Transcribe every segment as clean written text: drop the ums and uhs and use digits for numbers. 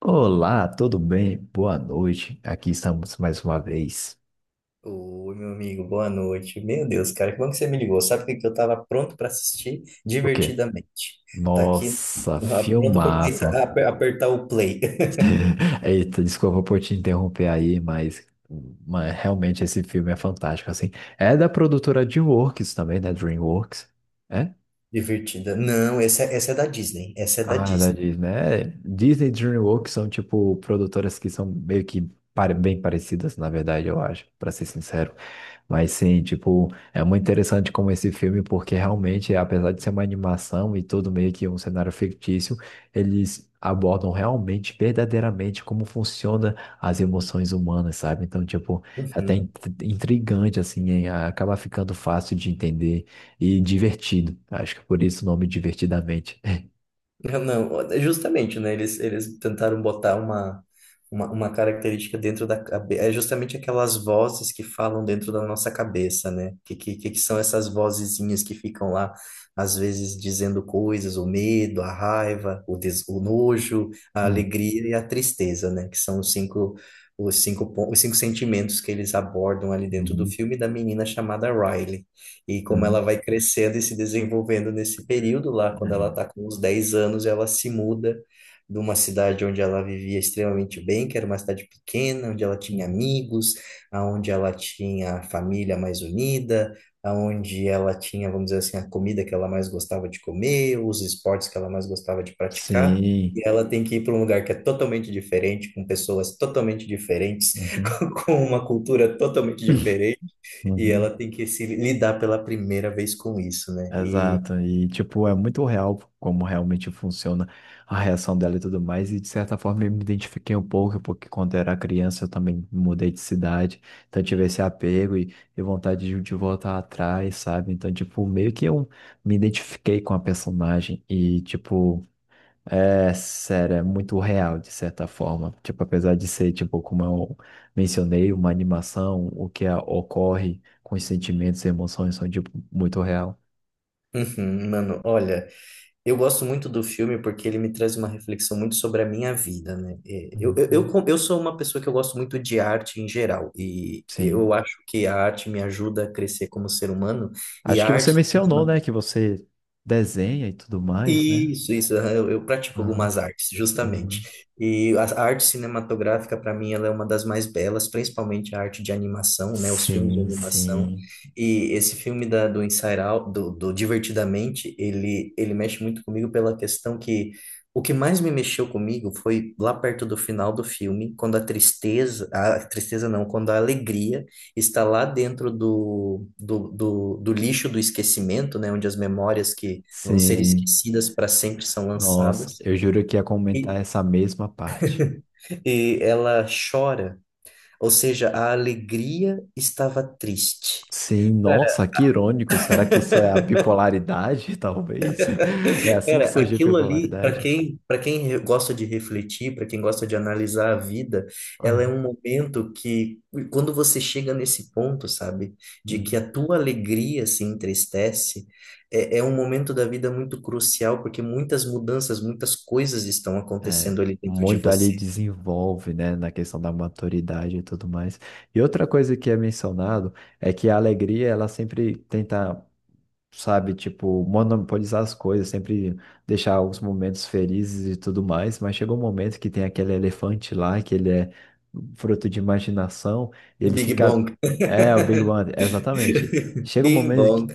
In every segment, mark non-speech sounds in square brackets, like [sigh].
Olá, tudo bem? Boa noite. Aqui estamos mais uma vez. Ô, meu amigo, boa noite. Meu Deus, cara, que bom que você me ligou. Sabe o que que eu tava pronto para assistir O quê? divertidamente? Tá aqui, Nossa, pronto filmaço. para apertar o play. [laughs] [laughs] Eita, desculpa por te interromper aí, mas realmente esse filme é fantástico, assim. É da produtora DreamWorks também, né? DreamWorks. É? Divertida. Não, essa, essa é da Disney. Essa é da Ah, da Disney. Disney. É, Disney e DreamWorks são, tipo, produtoras que são meio que bem parecidas, na verdade, eu acho, para ser sincero. Mas sim, tipo, é muito interessante como esse filme, porque realmente, apesar de ser uma animação e tudo meio que um cenário fictício, eles abordam realmente, verdadeiramente, como funciona as emoções humanas, sabe? Então, tipo, é até Uhum. Intrigante, assim, hein? Acaba ficando fácil de entender e divertido. Acho que por isso o nome Divertidamente. Não, justamente, né? Eles tentaram botar uma, uma característica dentro da cabeça. É justamente aquelas vozes que falam dentro da nossa cabeça, né? Que são essas vozezinhas que ficam lá, às vezes, dizendo coisas, o medo, a raiva, o nojo, a [laughs] alegria e a tristeza, né? Que são os cinco sentimentos que eles abordam ali dentro do Uhum, filme da menina chamada Riley. E como ela uhum, vai crescendo e se desenvolvendo nesse período lá, quando ela é, está com uns 10 anos, ela se muda de uma cidade onde ela vivia extremamente bem, que era uma cidade pequena, onde ela tinha uhum. amigos, aonde ela tinha a família mais unida, aonde ela tinha, vamos dizer assim, a comida que ela mais gostava de comer, os esportes que ela mais gostava de praticar. Sim. E ela tem que ir para um lugar que é totalmente diferente, com pessoas totalmente diferentes, Uhum, [laughs] com uma cultura totalmente e uhum. ela tem que se lidar pela primeira vez com isso, né? Exato. E, tipo, é muito real como realmente funciona a reação dela e tudo mais. E, de certa forma, eu me identifiquei um pouco, porque quando eu era criança eu também mudei de cidade. Então, eu tive esse apego e vontade de voltar atrás, sabe? Então, tipo, meio que eu me identifiquei com a personagem. E, tipo. É, sério, é muito real, de certa forma. Tipo, apesar de ser, tipo, como eu mencionei, uma animação, o que ocorre com os sentimentos e emoções são, tipo, muito real. Uhum, mano, olha, eu gosto muito do filme porque ele me traz uma reflexão muito sobre a minha vida, né? E Uhum. Eu sou uma pessoa que eu gosto muito de arte em geral, e eu Sim. acho que a arte me ajuda a crescer como ser humano, e Acho a que você arte mencionou, né, que você desenha e tudo mais, né? Isso, isso. Aham, eu pratico Aham. algumas artes, justamente. Uhum. E a arte cinematográfica, para mim, ela é uma das mais belas, principalmente a arte de animação, né? Os filmes de Sim, animação. sim, E esse filme do Inside Out, do Divertidamente, ele mexe muito comigo pela questão que o que mais me mexeu comigo foi lá perto do final do filme, quando a tristeza não, quando a alegria está lá dentro do lixo do esquecimento, né? Onde as memórias que vão ser sim. esquecidas para sempre, são Nossa, lançadas. eu juro que ia comentar E, essa mesma parte. e ela chora, ou seja, a alegria estava triste. Sim, nossa, Cara, que irônico. Será que isso é a [laughs] bipolaridade, [laughs] talvez? É assim que Cara, surge a aquilo ali, bipolaridade? Gosta de refletir, para quem gosta de analisar a vida, ela é Ah, um momento que, quando você chega nesse ponto, sabe, de que hum. a tua alegria se entristece, é um momento da vida muito crucial, porque muitas mudanças, muitas coisas estão É, acontecendo ali dentro de muito ali você. desenvolve, né, na questão da maturidade e tudo mais. E outra coisa que é mencionado é que a alegria, ela sempre tenta sabe, tipo, monopolizar as coisas, sempre deixar os momentos felizes e tudo mais, mas chegou um momento que tem aquele elefante lá, que ele é fruto de imaginação, e O ele Big fica. Bang. É, o Big Bang, exatamente. Chega um Bing momento que. Bong.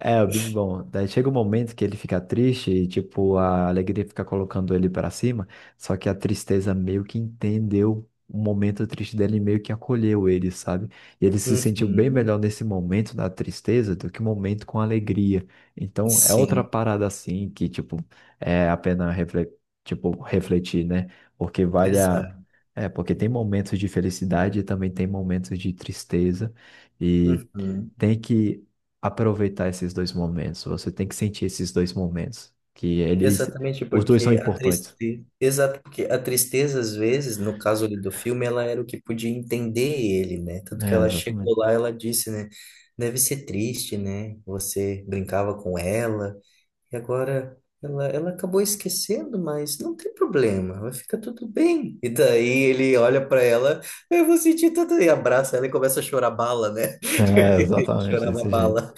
É, o Big Bang. Daí chega um momento que ele fica triste e, tipo, a alegria fica colocando ele pra cima, só que a tristeza meio que entendeu o momento triste dele e meio que acolheu ele, sabe? E ele se sentiu bem Uhum. melhor nesse momento da tristeza do que um momento com alegria. Então, é outra Sim, parada assim que, tipo, é a pena tipo, refletir, né? Porque vale a... exato. É, porque tem momentos de felicidade e também tem momentos de tristeza. E Uhum. tem que aproveitar esses dois momentos. Você tem que sentir esses dois momentos. Que eles... Exatamente Os dois são porque a importantes. tristeza, exato porque a tristeza às vezes, no caso ali do filme, ela era o que podia entender ele, né? Tanto que É, ela exatamente. chegou lá, ela disse, né? Deve ser triste, né? Você brincava com ela e agora ela acabou esquecendo, mas não tem problema, vai ficar tudo bem. E daí ele olha pra ela, eu vou sentir tudo e abraça ela e começa a chorar bala, né? É, [laughs] Ele exatamente, chorava desse jeito. bala.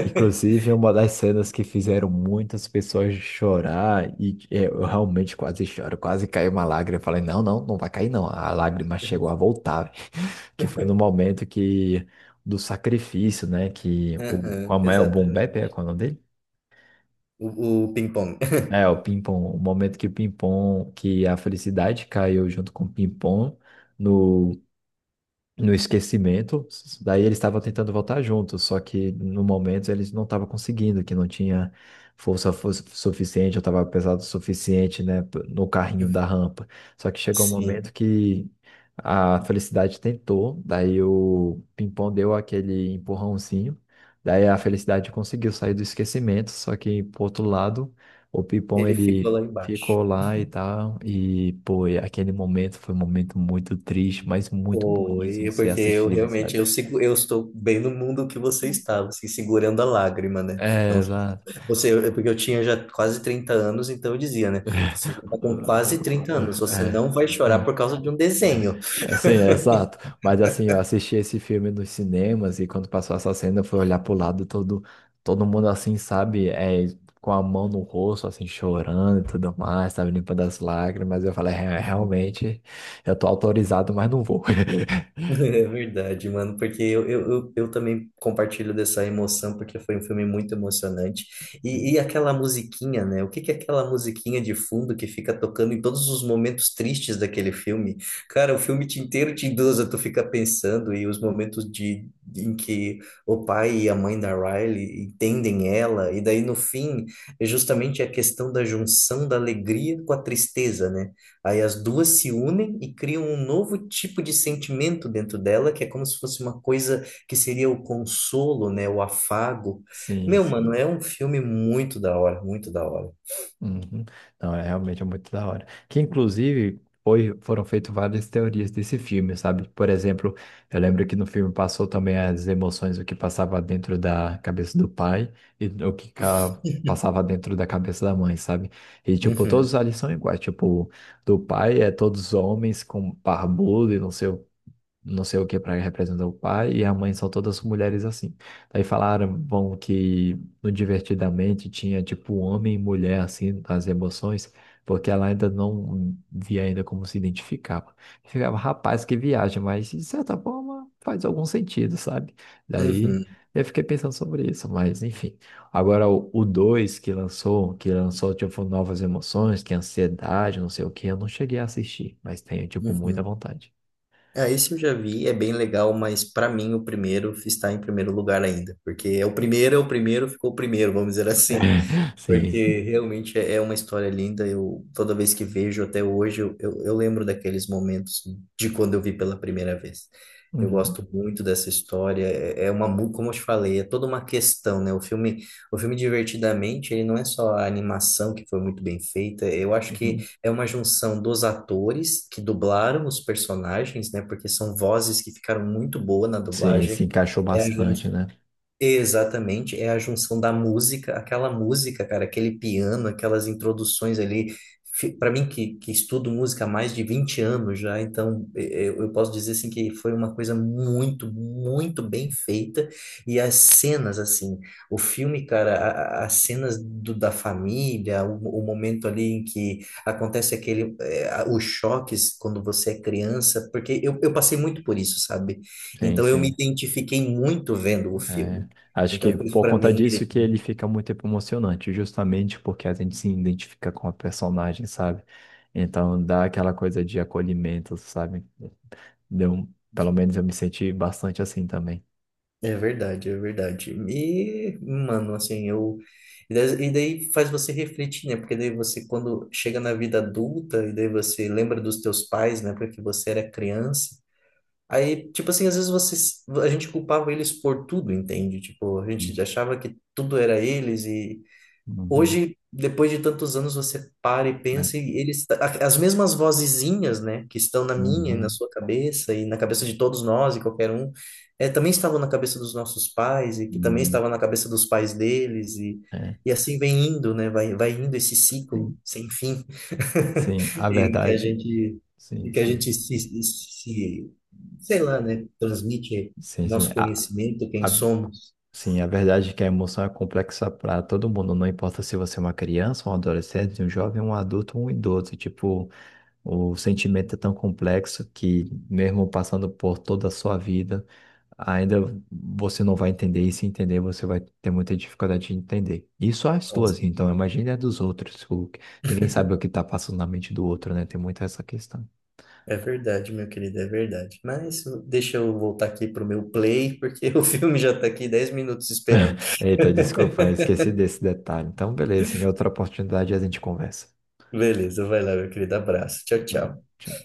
Inclusive, é uma das cenas que fizeram muitas pessoas chorar e é, eu realmente quase choro, quase caiu uma lágrima. Eu falei, não, não, não vai cair não. A lágrima chegou a voltar, [laughs] que foi no momento que do sacrifício, né? Que o Aham, como é o Boom Bap, exatamente. é qual é o nome dele? O ping-pong. É o Pimpom, o momento que o Pimpom, que a felicidade caiu junto com o Pimpom no no esquecimento. Daí eles estavam tentando voltar juntos, só que no momento eles não estavam conseguindo, que não tinha força, suficiente, eu estava pesado o suficiente, né, no carrinho da rampa. Só que [laughs] chegou um Sim, momento que a Felicidade tentou, daí o Pimpão deu aquele empurrãozinho, daí a Felicidade conseguiu sair do esquecimento, só que por outro lado, o Pimpão ele ficou ele lá embaixo. ficou lá e tal, e pô, e aquele momento foi um momento muito triste, mas muito bonito Foi, de ser porque eu assistido, realmente sabe? Eu estou bem no mundo que você Hum. estava, assim, segurando a lágrima, né? É, Não, exato. Porque eu tinha já quase 30 anos, então eu dizia, né? Você [laughs] já está com quase 30 anos, você É, não vai chorar por causa de um desenho. Sim, é exato. Mas assim, eu assisti esse filme nos cinemas e quando passou essa cena, eu fui olhar pro lado todo, todo mundo assim, sabe? É, com a mão no rosto, assim, chorando e tudo mais, sabe? Limpando as lágrimas. Eu falei, "É, realmente, eu tô autorizado, mas não vou." [laughs] [laughs] É verdade, mano, porque eu também compartilho dessa emoção, porque foi um filme muito emocionante. E aquela musiquinha, né? O que que é aquela musiquinha de fundo que fica tocando em todos os momentos tristes daquele filme? Cara, inteiro te induz a tu ficar pensando, e os momentos de, em que o pai e a mãe da Riley entendem ela, e daí no fim, é justamente a questão da junção da alegria com a tristeza, né? Aí as duas se unem e criam um novo tipo de sentimento dentro dela, que é como se fosse uma coisa que seria o consolo, né? O afago. Sim, Meu, mano, é sim. um filme muito da hora, muito da hora. Uhum. Não, é realmente é muito da hora. Que inclusive foi, foram feitas várias teorias desse filme, sabe? Por exemplo, eu lembro que no filme passou também as emoções, o que passava dentro da cabeça do pai e o que [laughs] passava dentro da cabeça da mãe, sabe? E tipo, todos Uhum, ali são iguais. Tipo, do pai é todos homens com barbudo e não sei o que para representar o pai, e a mãe são todas mulheres assim. Aí falaram, bom, que no Divertidamente tinha tipo homem e mulher assim, as emoções, porque ela ainda não via ainda como se identificava. Ficava, rapaz, que viagem, mas de certa forma faz algum sentido, sabe? Daí uhum, eu fiquei pensando sobre isso, mas enfim. Agora o 2 que lançou tipo novas emoções, que é ansiedade, não sei o que, eu não cheguei a assistir, mas tenho tipo muita uhum. vontade. Ah, esse eu já vi, é bem legal, mas para mim o primeiro está em primeiro lugar ainda, porque é o primeiro, ficou o primeiro, vamos dizer assim. [laughs] Sim, Porque sim. realmente é uma história linda. Eu toda vez que vejo até hoje, eu lembro daqueles momentos de quando eu vi pela primeira vez. Eu Uhum, gosto muito dessa história. É uma como eu te falei, é toda uma questão, né? O filme Divertidamente, ele não é só a animação que foi muito bem feita. Eu acho que uhum. é uma junção dos atores que dublaram os personagens, né? Porque são vozes que ficaram muito boas na Sim, dublagem. se encaixou bastante, né? Exatamente, é a junção da música, aquela música, cara, aquele piano, aquelas introduções ali. Para mim, que estudo música há mais de 20 anos já, então eu posso dizer assim que foi uma coisa muito, muito bem feita. E as cenas, assim, o filme, cara, as cenas da família, o momento ali em que acontece aquele, os choques quando você é criança, porque eu passei muito por isso, sabe? Sim, Então eu me sim. identifiquei muito vendo o É, filme. acho que Então, por isso, por pra conta mim, disso ele- que ele fica muito emocionante, justamente porque a gente se identifica com a personagem, sabe? Então dá aquela coisa de acolhimento, sabe? Deu, pelo menos eu me senti bastante assim também. é verdade, é verdade. E, mano, assim, eu. E daí faz você refletir, né? Porque daí você, quando chega na vida adulta, e daí você lembra dos teus pais, né? Porque você era criança. Aí, tipo assim, às vezes você, a gente culpava eles por tudo, entende? Tipo, a gente Uhum, achava que tudo era eles e, uhum, hoje, depois de tantos anos, você para e é, pensa, e eles, as mesmas vozezinhas, né, que estão na minha e na uhum, sua cabeça, e na cabeça de todos nós e qualquer um, é, também estavam na cabeça dos nossos pais, e que também uhum, estavam na cabeça dos pais deles, é, e assim vem indo, né, vai indo esse ciclo sim, sem fim, sim, a [laughs] em que a verdade. gente, Sim, em que a sim. gente se, se, sei lá, né, transmite Sim, sim. nosso conhecimento, quem a, somos. Sim, a verdade é que a emoção é complexa para todo mundo, não importa se você é uma criança, um adolescente, um jovem, um adulto um idoso. Tipo, o sentimento é tão complexo que, mesmo passando por toda a sua vida, ainda você não vai entender, e se entender, você vai ter muita dificuldade de entender. Isso é as suas, então, imagine a dos outros. Ninguém sabe o que está passando na mente do outro, né? Tem muito essa questão. É verdade, meu querido, é verdade. Mas deixa eu voltar aqui pro meu play, porque [laughs] o filme já tá aqui 10 minutos esperando. Eita, desculpa, eu esqueci desse detalhe. Então, beleza, em outra oportunidade a gente conversa. Beleza, vai lá, meu querido. Abraço. Tchau, Valeu, tchau. tchau.